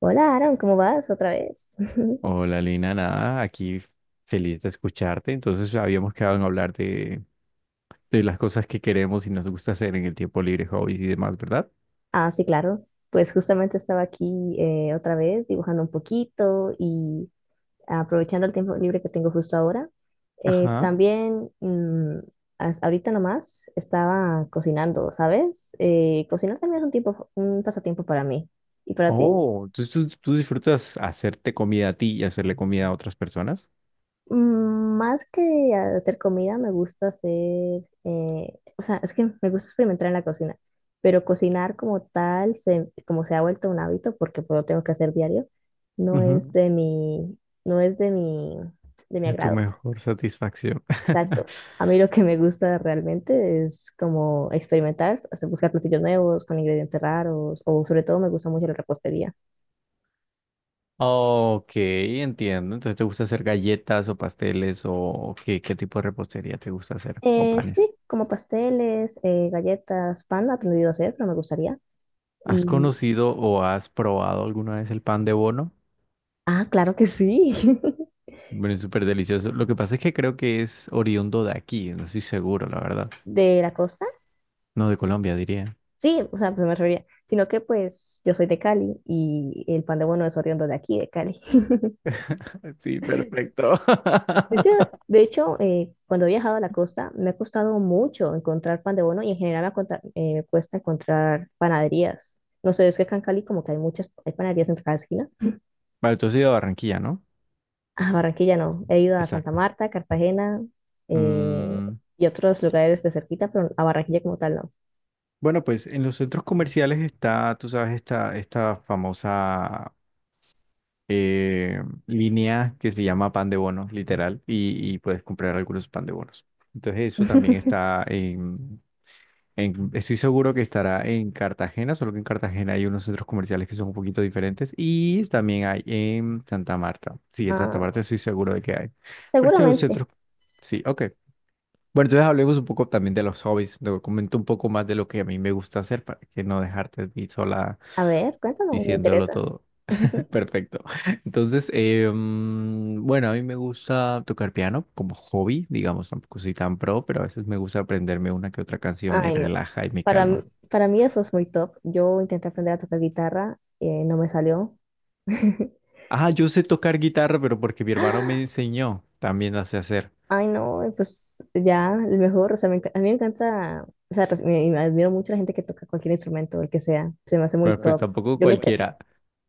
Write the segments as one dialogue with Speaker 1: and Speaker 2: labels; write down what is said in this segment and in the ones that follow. Speaker 1: Hola, Aaron, ¿cómo vas otra vez?
Speaker 2: Hola Lina, nada, aquí feliz de escucharte. Entonces habíamos quedado en hablar de las cosas que queremos y nos gusta hacer en el tiempo libre, hobbies y demás, ¿verdad?
Speaker 1: Ah, sí, claro. Pues justamente estaba aquí otra vez dibujando un poquito y aprovechando el tiempo libre que tengo justo ahora. Eh,
Speaker 2: Ajá.
Speaker 1: también, mm, Ahorita nomás, estaba cocinando, ¿sabes? Cocinar también es un tiempo, un pasatiempo para mí. ¿Y para ti?
Speaker 2: Oh, entonces tú disfrutas hacerte comida a ti y hacerle comida a otras personas.
Speaker 1: Mm, más que hacer comida, me gusta hacer. Es que me gusta experimentar en la cocina, pero cocinar como tal, como se ha vuelto un hábito, porque pues, lo tengo que hacer diario, no
Speaker 2: Ujú.
Speaker 1: es Ujú. De mi, no es de mi
Speaker 2: Es tu
Speaker 1: agrado.
Speaker 2: mejor satisfacción.
Speaker 1: Exacto. A mí lo que me gusta realmente es como experimentar, o sea, buscar platillos nuevos con ingredientes raros, o sobre todo me gusta mucho la repostería.
Speaker 2: Ok, entiendo. Entonces te gusta hacer galletas o pasteles o qué tipo de repostería te gusta hacer o panes.
Speaker 1: Sí, como pasteles, galletas, pan, he aprendido a hacer, pero me gustaría.
Speaker 2: ¿Has
Speaker 1: Y
Speaker 2: conocido o has probado alguna vez el pan de bono?
Speaker 1: ah, claro que sí.
Speaker 2: Bueno, es súper delicioso. Lo que pasa es que creo que es oriundo de aquí, no estoy seguro, la verdad.
Speaker 1: ¿De la costa?
Speaker 2: No, de Colombia, diría.
Speaker 1: Sí, o sea, pues me refería. Sino que pues yo soy de Cali y el pan de bono es oriundo de aquí, de Cali.
Speaker 2: Sí, perfecto.
Speaker 1: De hecho, de hecho, cuando he viajado a la costa me ha costado mucho encontrar pan de bono y en general me cuesta encontrar panaderías. No sé, es que acá en Cali como que hay muchas, hay panaderías en cada esquina.
Speaker 2: Vale, tú has ido a Barranquilla, ¿no?
Speaker 1: A Barranquilla no. He ido a Santa
Speaker 2: Exacto.
Speaker 1: Marta, Cartagena, eh,
Speaker 2: Mm,
Speaker 1: y otros lugares de cerquita, pero a Barranquilla como tal no.
Speaker 2: bueno, pues en los centros comerciales está, tú sabes, esta famosa eh, línea que se llama pan de bonos, literal, y puedes comprar algunos pan de bonos. Entonces eso también está, estoy seguro que estará en Cartagena, solo que en Cartagena hay unos centros comerciales que son un poquito diferentes y también hay en Santa Marta. Sí, en Santa
Speaker 1: Ah,
Speaker 2: Marta estoy seguro de que hay. Pero este es que los
Speaker 1: seguramente.
Speaker 2: centros. Sí, ok. Bueno, entonces hablemos un poco también de los hobbies. Te comento un poco más de lo que a mí me gusta hacer para que no dejarte a ti sola
Speaker 1: A ver, cuéntame, me
Speaker 2: diciéndolo
Speaker 1: interesa.
Speaker 2: todo. Perfecto. Entonces, bueno, a mí me gusta tocar piano como hobby, digamos, tampoco soy tan pro, pero a veces me gusta aprenderme una que otra canción, me
Speaker 1: Ay, no.
Speaker 2: relaja y me
Speaker 1: Para, mí-
Speaker 2: calma.
Speaker 1: para mí eso es muy top. Yo intenté aprender a tocar guitarra, no me salió.
Speaker 2: Ah, yo sé tocar guitarra, pero porque mi hermano me enseñó, también la sé hacer.
Speaker 1: Ay, no, pues ya, el mejor, o sea, a mí me encanta, o sea, me admiro mucho la gente que toca cualquier instrumento, el que sea, se me hace muy
Speaker 2: Bueno, pues
Speaker 1: top.
Speaker 2: tampoco
Speaker 1: Yo lo intenté,
Speaker 2: cualquiera.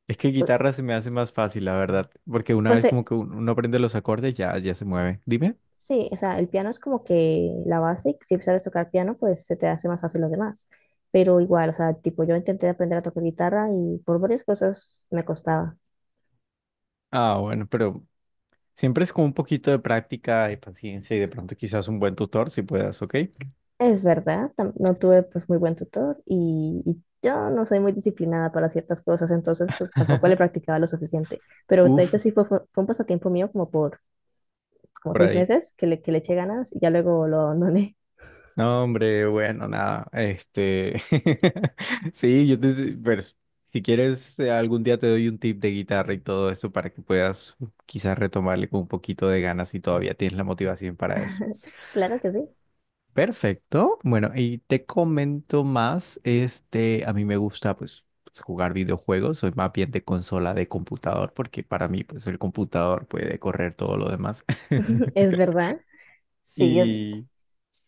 Speaker 2: Es que
Speaker 1: pues,
Speaker 2: guitarra se me hace más fácil, la verdad, porque una
Speaker 1: pues,
Speaker 2: vez
Speaker 1: eh,
Speaker 2: como que uno aprende los acordes, ya, se mueve. Dime.
Speaker 1: sí, o sea, el piano es como que la base, y si sabes tocar piano, pues se te hace más fácil los demás, pero igual, o sea, tipo, yo intenté aprender a tocar guitarra y por varias cosas me costaba.
Speaker 2: Ah, bueno, pero siempre es como un poquito de práctica y paciencia y de pronto quizás un buen tutor si puedas, ¿ok?
Speaker 1: Es verdad, no tuve pues muy buen tutor y yo no soy muy disciplinada para ciertas cosas, entonces pues tampoco le practicaba lo suficiente. Pero de
Speaker 2: Uf,
Speaker 1: hecho sí fue un pasatiempo mío como por como
Speaker 2: por
Speaker 1: seis
Speaker 2: ahí.
Speaker 1: meses que que le eché ganas y ya luego lo abandoné.
Speaker 2: No, hombre, bueno, nada, este, sí, pero si quieres, algún día te doy un tip de guitarra y todo eso para que puedas quizás retomarle con un poquito de ganas si todavía tienes la motivación para eso.
Speaker 1: Claro que sí.
Speaker 2: Perfecto, bueno, y te comento más, este, a mí me gusta, pues, jugar videojuegos, soy más bien de consola de computador, porque para mí, pues, el computador puede correr todo lo demás.
Speaker 1: Es verdad. Sí, yo,
Speaker 2: Y...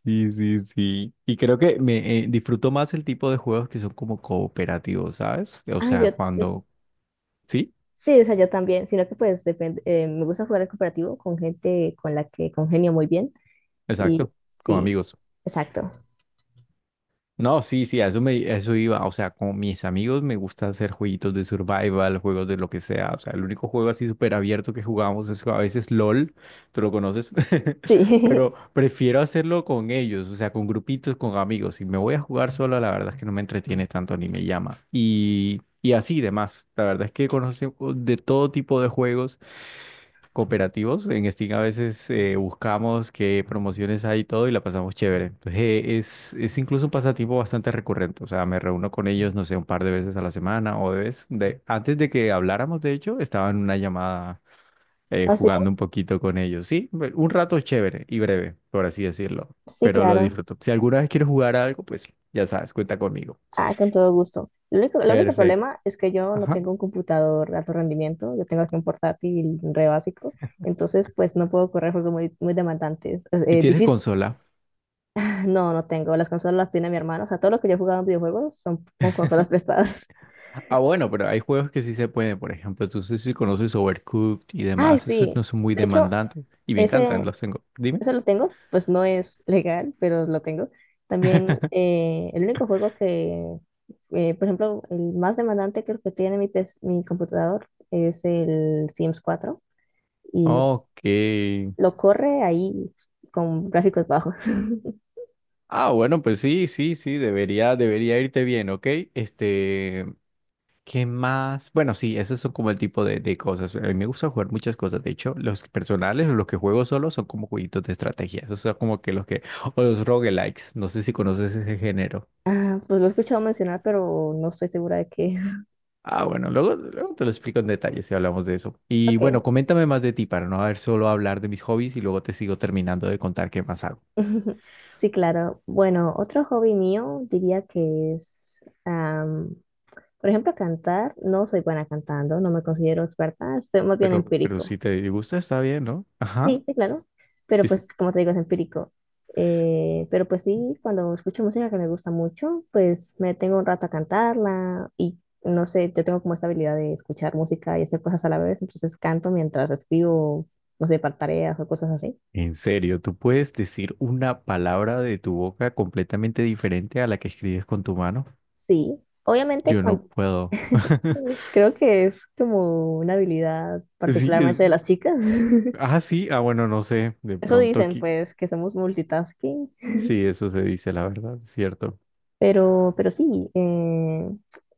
Speaker 2: Sí, sí, sí. Y creo que me disfruto más el tipo de juegos que son como cooperativos, ¿sabes? O
Speaker 1: ah,
Speaker 2: sea,
Speaker 1: yo-
Speaker 2: cuando. Sí,
Speaker 1: Sí, o sea, yo también, sino que pues depende, me gusta jugar al cooperativo con gente con la que congenio muy bien y
Speaker 2: exacto, con
Speaker 1: sí,
Speaker 2: amigos.
Speaker 1: exacto.
Speaker 2: No, sí, sí, a eso iba. O sea, con mis amigos me gusta hacer jueguitos de survival, juegos de lo que sea. O sea, el único juego así súper abierto que jugamos es a veces LOL, tú lo conoces,
Speaker 1: Sí,
Speaker 2: pero prefiero hacerlo con ellos, o sea, con grupitos, con amigos. Si me voy a jugar solo, la verdad es que no me entretiene tanto ni me llama. Y así demás. La verdad es que conocemos de todo tipo de juegos cooperativos. En Steam a veces buscamos qué promociones hay y todo y la pasamos chévere. Entonces, es, incluso un pasatiempo bastante recurrente. O sea, me reúno con ellos, no sé, un par de veces a la semana o de vez. Antes de que habláramos, de hecho, estaba en una llamada
Speaker 1: así,
Speaker 2: jugando un poquito con ellos. Sí, un rato chévere y breve, por así decirlo,
Speaker 1: sí,
Speaker 2: pero lo
Speaker 1: claro.
Speaker 2: disfruto. Si alguna vez quieres jugar a algo, pues ya sabes, cuenta conmigo.
Speaker 1: Ah, con todo gusto. Lo único, el único
Speaker 2: Perfecto.
Speaker 1: problema es que yo no
Speaker 2: Ajá.
Speaker 1: tengo un computador de alto rendimiento, yo tengo aquí un portátil re básico, entonces pues no puedo correr juegos muy, muy demandantes. Es,
Speaker 2: ¿Y tienes
Speaker 1: difícil.
Speaker 2: consola?
Speaker 1: No, no tengo, las consolas las tiene mi hermano, o sea, todo lo que yo he jugado en videojuegos son con consolas prestadas.
Speaker 2: Ah, bueno, pero hay juegos que sí se pueden. Por ejemplo, tú sé si conoces Overcooked y
Speaker 1: Ay,
Speaker 2: demás, esos
Speaker 1: sí,
Speaker 2: no son muy
Speaker 1: de hecho,
Speaker 2: demandantes y me encantan,
Speaker 1: ese,
Speaker 2: los tengo. Dime.
Speaker 1: ese lo tengo, pues no es legal, pero lo tengo. También el único juego que, por ejemplo, el más demandante creo que tiene mi computador es el Sims 4. y lo,
Speaker 2: Ok.
Speaker 1: lo corre ahí con gráficos bajos.
Speaker 2: Ah, bueno, pues sí, sí, sí, debería, debería irte bien, ¿ok? Este, ¿qué más? Bueno, sí, esos son como el tipo de cosas. A mí me gusta jugar muchas cosas. De hecho, los personales o los que juego solo son como jueguitos de estrategia. Esos son como que los que. O los roguelikes. No sé si conoces ese género.
Speaker 1: Ah, pues lo he escuchado mencionar, pero no estoy segura de qué es.
Speaker 2: Ah, bueno, luego, luego te lo explico en detalle si hablamos de eso. Y
Speaker 1: Ok.
Speaker 2: bueno, coméntame más de ti para no haber solo hablar de mis hobbies y luego te sigo terminando de contar qué más hago.
Speaker 1: Sí, claro. Bueno, otro hobby mío diría que es, am, por ejemplo, cantar. No soy buena cantando, no me considero experta, estoy más bien
Speaker 2: Pero
Speaker 1: empírico.
Speaker 2: si te gusta, está bien, ¿no? Ajá.
Speaker 1: Sí, sí, claro. Pero
Speaker 2: Es,
Speaker 1: pues, como te digo, es empírico. Pero pues sí, cuando escucho música que me gusta mucho, pues me detengo un rato a cantarla y no sé, yo tengo como esa habilidad de escuchar música y hacer cosas a la vez, entonces canto mientras escribo, no sé, para tareas o cosas así.
Speaker 2: en serio, tú puedes decir una palabra de tu boca completamente diferente a la que escribes con tu mano.
Speaker 1: Sí, obviamente
Speaker 2: Yo no
Speaker 1: cuan-
Speaker 2: puedo.
Speaker 1: creo que es como una habilidad
Speaker 2: Sí, es.
Speaker 1: particularmente de las chicas.
Speaker 2: Ah, sí. Ah, bueno, no sé. De
Speaker 1: Eso
Speaker 2: pronto
Speaker 1: dicen,
Speaker 2: aquí.
Speaker 1: pues, que somos multitasking.
Speaker 2: Sí, eso se dice, la verdad, es ¿cierto?
Speaker 1: Pero sí,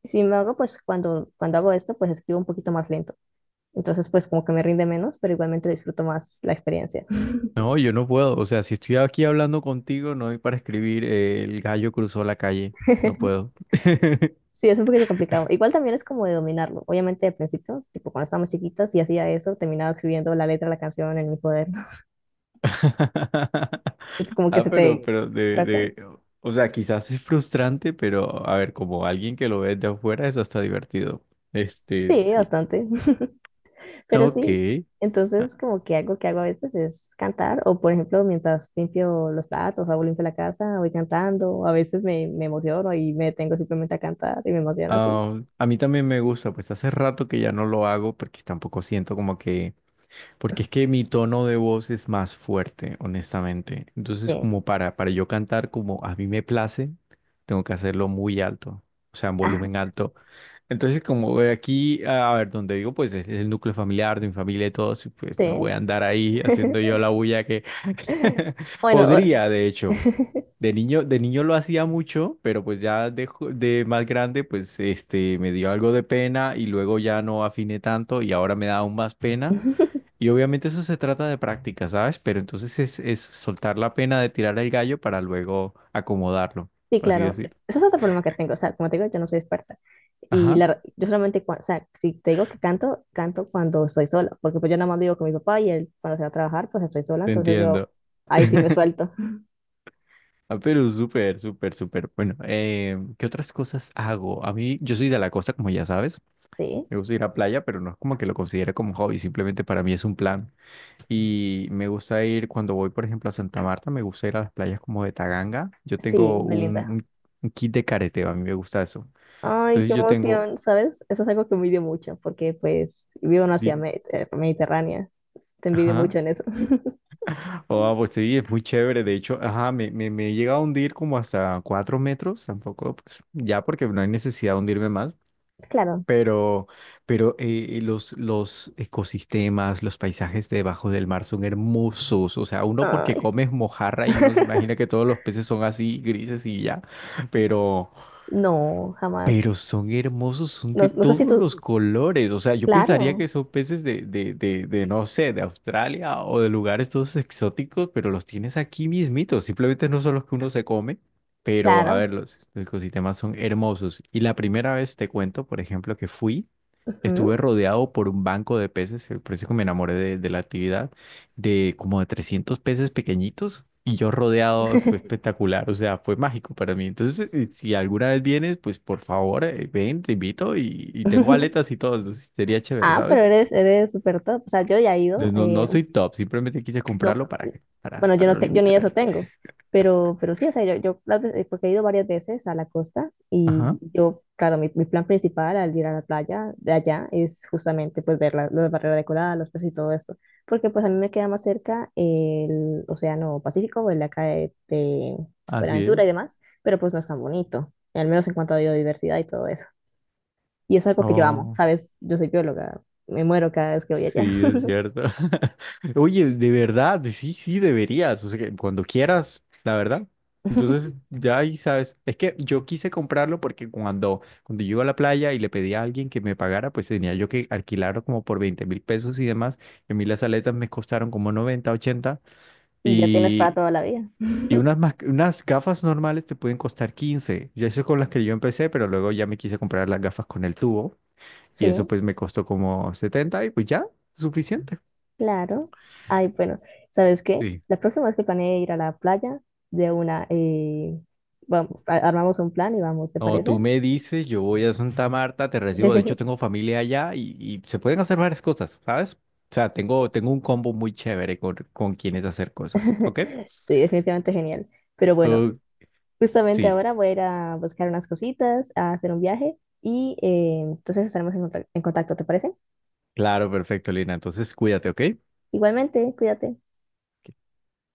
Speaker 1: sin embargo, cuando hago esto, pues escribo un poquito más lento. Entonces, pues como que me rinde menos, pero igualmente disfruto más la experiencia.
Speaker 2: No, yo no puedo. O sea, si estoy aquí hablando contigo, no hay para escribir, el gallo cruzó la calle. No puedo.
Speaker 1: Sí, es un poquito complicado. Igual también es como de dominarlo. Obviamente, al principio, tipo cuando estábamos chiquitas y hacía eso, terminaba escribiendo la letra de la canción en mi cuaderno. Es como que
Speaker 2: Ah,
Speaker 1: se te por acá.
Speaker 2: o sea, quizás es frustrante, pero a ver, como alguien que lo ve de afuera, eso está divertido. Este,
Speaker 1: Sí,
Speaker 2: sí.
Speaker 1: bastante. Pero
Speaker 2: Ok.
Speaker 1: sí,
Speaker 2: Ah,
Speaker 1: entonces como que algo que hago a veces es cantar o por ejemplo mientras limpio los platos, hago limpio la casa, voy cantando, a veces me emociono y me detengo simplemente a cantar y me emociona así.
Speaker 2: ah, a mí también me gusta, pues hace rato que ya no lo hago porque tampoco siento como que. Porque es que mi tono de voz es más fuerte, honestamente. Entonces, como
Speaker 1: Sí,
Speaker 2: para yo cantar como a mí me place, tengo que hacerlo muy alto, o sea, en volumen alto. Entonces, como de aquí, a ver, donde digo, pues es, el núcleo familiar de mi familia y todos, y pues no
Speaker 1: sí.
Speaker 2: voy a
Speaker 1: Oh,
Speaker 2: andar ahí haciendo yo la bulla que
Speaker 1: bueno, o-
Speaker 2: podría, de hecho. De niño lo hacía mucho, pero pues ya de más grande, pues este, me dio algo de pena y luego ya no afiné tanto y ahora me da aún más pena. Y obviamente eso se trata de práctica, ¿sabes? Pero entonces es, soltar la pena de tirar el gallo para luego acomodarlo,
Speaker 1: sí,
Speaker 2: por así
Speaker 1: claro, podría.
Speaker 2: decir.
Speaker 1: Ese es otro problema que tengo, o sea, como te digo, yo no soy experta y
Speaker 2: Ajá,
Speaker 1: la, yo solamente, cua- o sea, si te digo que canto, canto cuando estoy sola, porque pues yo nada más vivo con mi papá y él cuando se va a trabajar, pues estoy sola,
Speaker 2: te
Speaker 1: entonces yo
Speaker 2: entiendo.
Speaker 1: ahí sí me suelto.
Speaker 2: Ah, pero súper, súper, súper. Bueno, ¿qué otras cosas hago? A mí, yo soy de la costa, como ya sabes.
Speaker 1: Sí.
Speaker 2: Me gusta ir a playa, pero no es como que lo considere como hobby, simplemente para mí es un plan. Y me gusta ir, cuando voy, por ejemplo, a Santa Marta, me gusta ir a las playas como de Taganga. Yo
Speaker 1: Sí,
Speaker 2: tengo un,
Speaker 1: Belinda.
Speaker 2: un un kit de careteo, a mí me gusta eso.
Speaker 1: Ay, qué
Speaker 2: Entonces yo tengo.
Speaker 1: emoción, ¿sabes? Eso es algo que envidio mucho, porque pues vivo en una ciudad
Speaker 2: di-
Speaker 1: mediterránea. Te envidio
Speaker 2: Ajá.
Speaker 1: mucho en eso.
Speaker 2: Oh, pues sí, es muy chévere. De hecho, ajá, me he llegado a hundir como hasta 4 metros, tampoco, pues ya porque no hay necesidad de hundirme más.
Speaker 1: Claro.
Speaker 2: Pero, los ecosistemas, los paisajes debajo del mar son hermosos. O sea, uno porque
Speaker 1: Ay,
Speaker 2: comes mojarra y uno se imagina que todos los peces son así, grises y ya. pero
Speaker 1: no, jamás.
Speaker 2: Pero son hermosos, son
Speaker 1: No,
Speaker 2: de
Speaker 1: no sé si
Speaker 2: todos los
Speaker 1: tú...
Speaker 2: colores. O sea, yo pensaría
Speaker 1: Claro,
Speaker 2: que son peces de, no sé, de Australia o de lugares todos exóticos, pero los tienes aquí mismitos. Simplemente no son los que uno se come, pero a
Speaker 1: claro.
Speaker 2: ver, los ecosistemas son hermosos. Y la primera vez te cuento, por ejemplo, que fui, estuve
Speaker 1: Ujú.
Speaker 2: rodeado por un banco de peces, por eso que me enamoré de la actividad de como de 300 peces pequeñitos y yo rodeado fue espectacular, o sea, fue mágico para mí. Entonces, si alguna vez vienes, pues por favor, ven, te invito y tengo aletas y todo, entonces sería chévere,
Speaker 1: Ah, pero
Speaker 2: ¿sabes?
Speaker 1: eres, eres súper top. O sea, yo ya he ido.
Speaker 2: Entonces, no, no soy top, simplemente quise
Speaker 1: No,
Speaker 2: comprarlo
Speaker 1: claro.
Speaker 2: para, que- para,
Speaker 1: Bueno, yo
Speaker 2: para
Speaker 1: no
Speaker 2: lo
Speaker 1: te- yo ni
Speaker 2: invitar.
Speaker 1: eso tengo, pero sí, o sea, yo las veces- porque he ido varias veces a la costa y
Speaker 2: Ajá,
Speaker 1: yo, claro, mi plan principal al ir a la playa de allá es justamente pues ver las barreras de coral, los peces y todo esto, porque pues a mí me queda más cerca el Océano Pacífico, el de acá de
Speaker 2: así
Speaker 1: Buenaventura y
Speaker 2: es.
Speaker 1: demás, pero pues no es tan bonito, al menos en cuanto a biodiversidad y todo eso. Y es algo que yo amo,
Speaker 2: Oh.
Speaker 1: ¿sabes? Yo soy bióloga, me muero cada vez que voy allá.
Speaker 2: Sí, es cierto. Oye, de verdad, sí, sí, deberías, o sea, que cuando quieras, la verdad. Entonces, ya ahí sabes, es que yo quise comprarlo porque cuando yo iba a la playa y le pedí a alguien que me pagara, pues tenía yo que alquilarlo como por 20.000 pesos y demás. Y a mí las aletas me costaron como 90, 80
Speaker 1: Y ya tienes para
Speaker 2: y,
Speaker 1: toda la vida.
Speaker 2: y unas gafas normales te pueden costar 15. Yo eso es con las que yo empecé, pero luego ya me quise comprar las gafas con el tubo y eso
Speaker 1: Sí.
Speaker 2: pues me costó como 70 y pues ya, suficiente.
Speaker 1: Claro. Ay, bueno, ¿sabes qué?
Speaker 2: Sí.
Speaker 1: La próxima vez que planee ir a la playa, de una, vamos, a- armamos un plan y vamos, ¿te
Speaker 2: O
Speaker 1: parece?
Speaker 2: tú me dices, yo voy a Santa Marta, te recibo. De hecho, tengo familia allá y se pueden hacer varias cosas, ¿sabes? O sea, tengo un combo muy chévere con quienes hacer cosas, ¿ok?
Speaker 1: Sí, definitivamente genial. Pero bueno,
Speaker 2: Oh,
Speaker 1: justamente
Speaker 2: sí,
Speaker 1: ahora voy a ir a buscar unas cositas, a hacer un viaje y entonces estaremos en en contacto, ¿te parece?
Speaker 2: claro, perfecto, Lina. Entonces, cuídate, ¿ok?
Speaker 1: Igualmente, cuídate.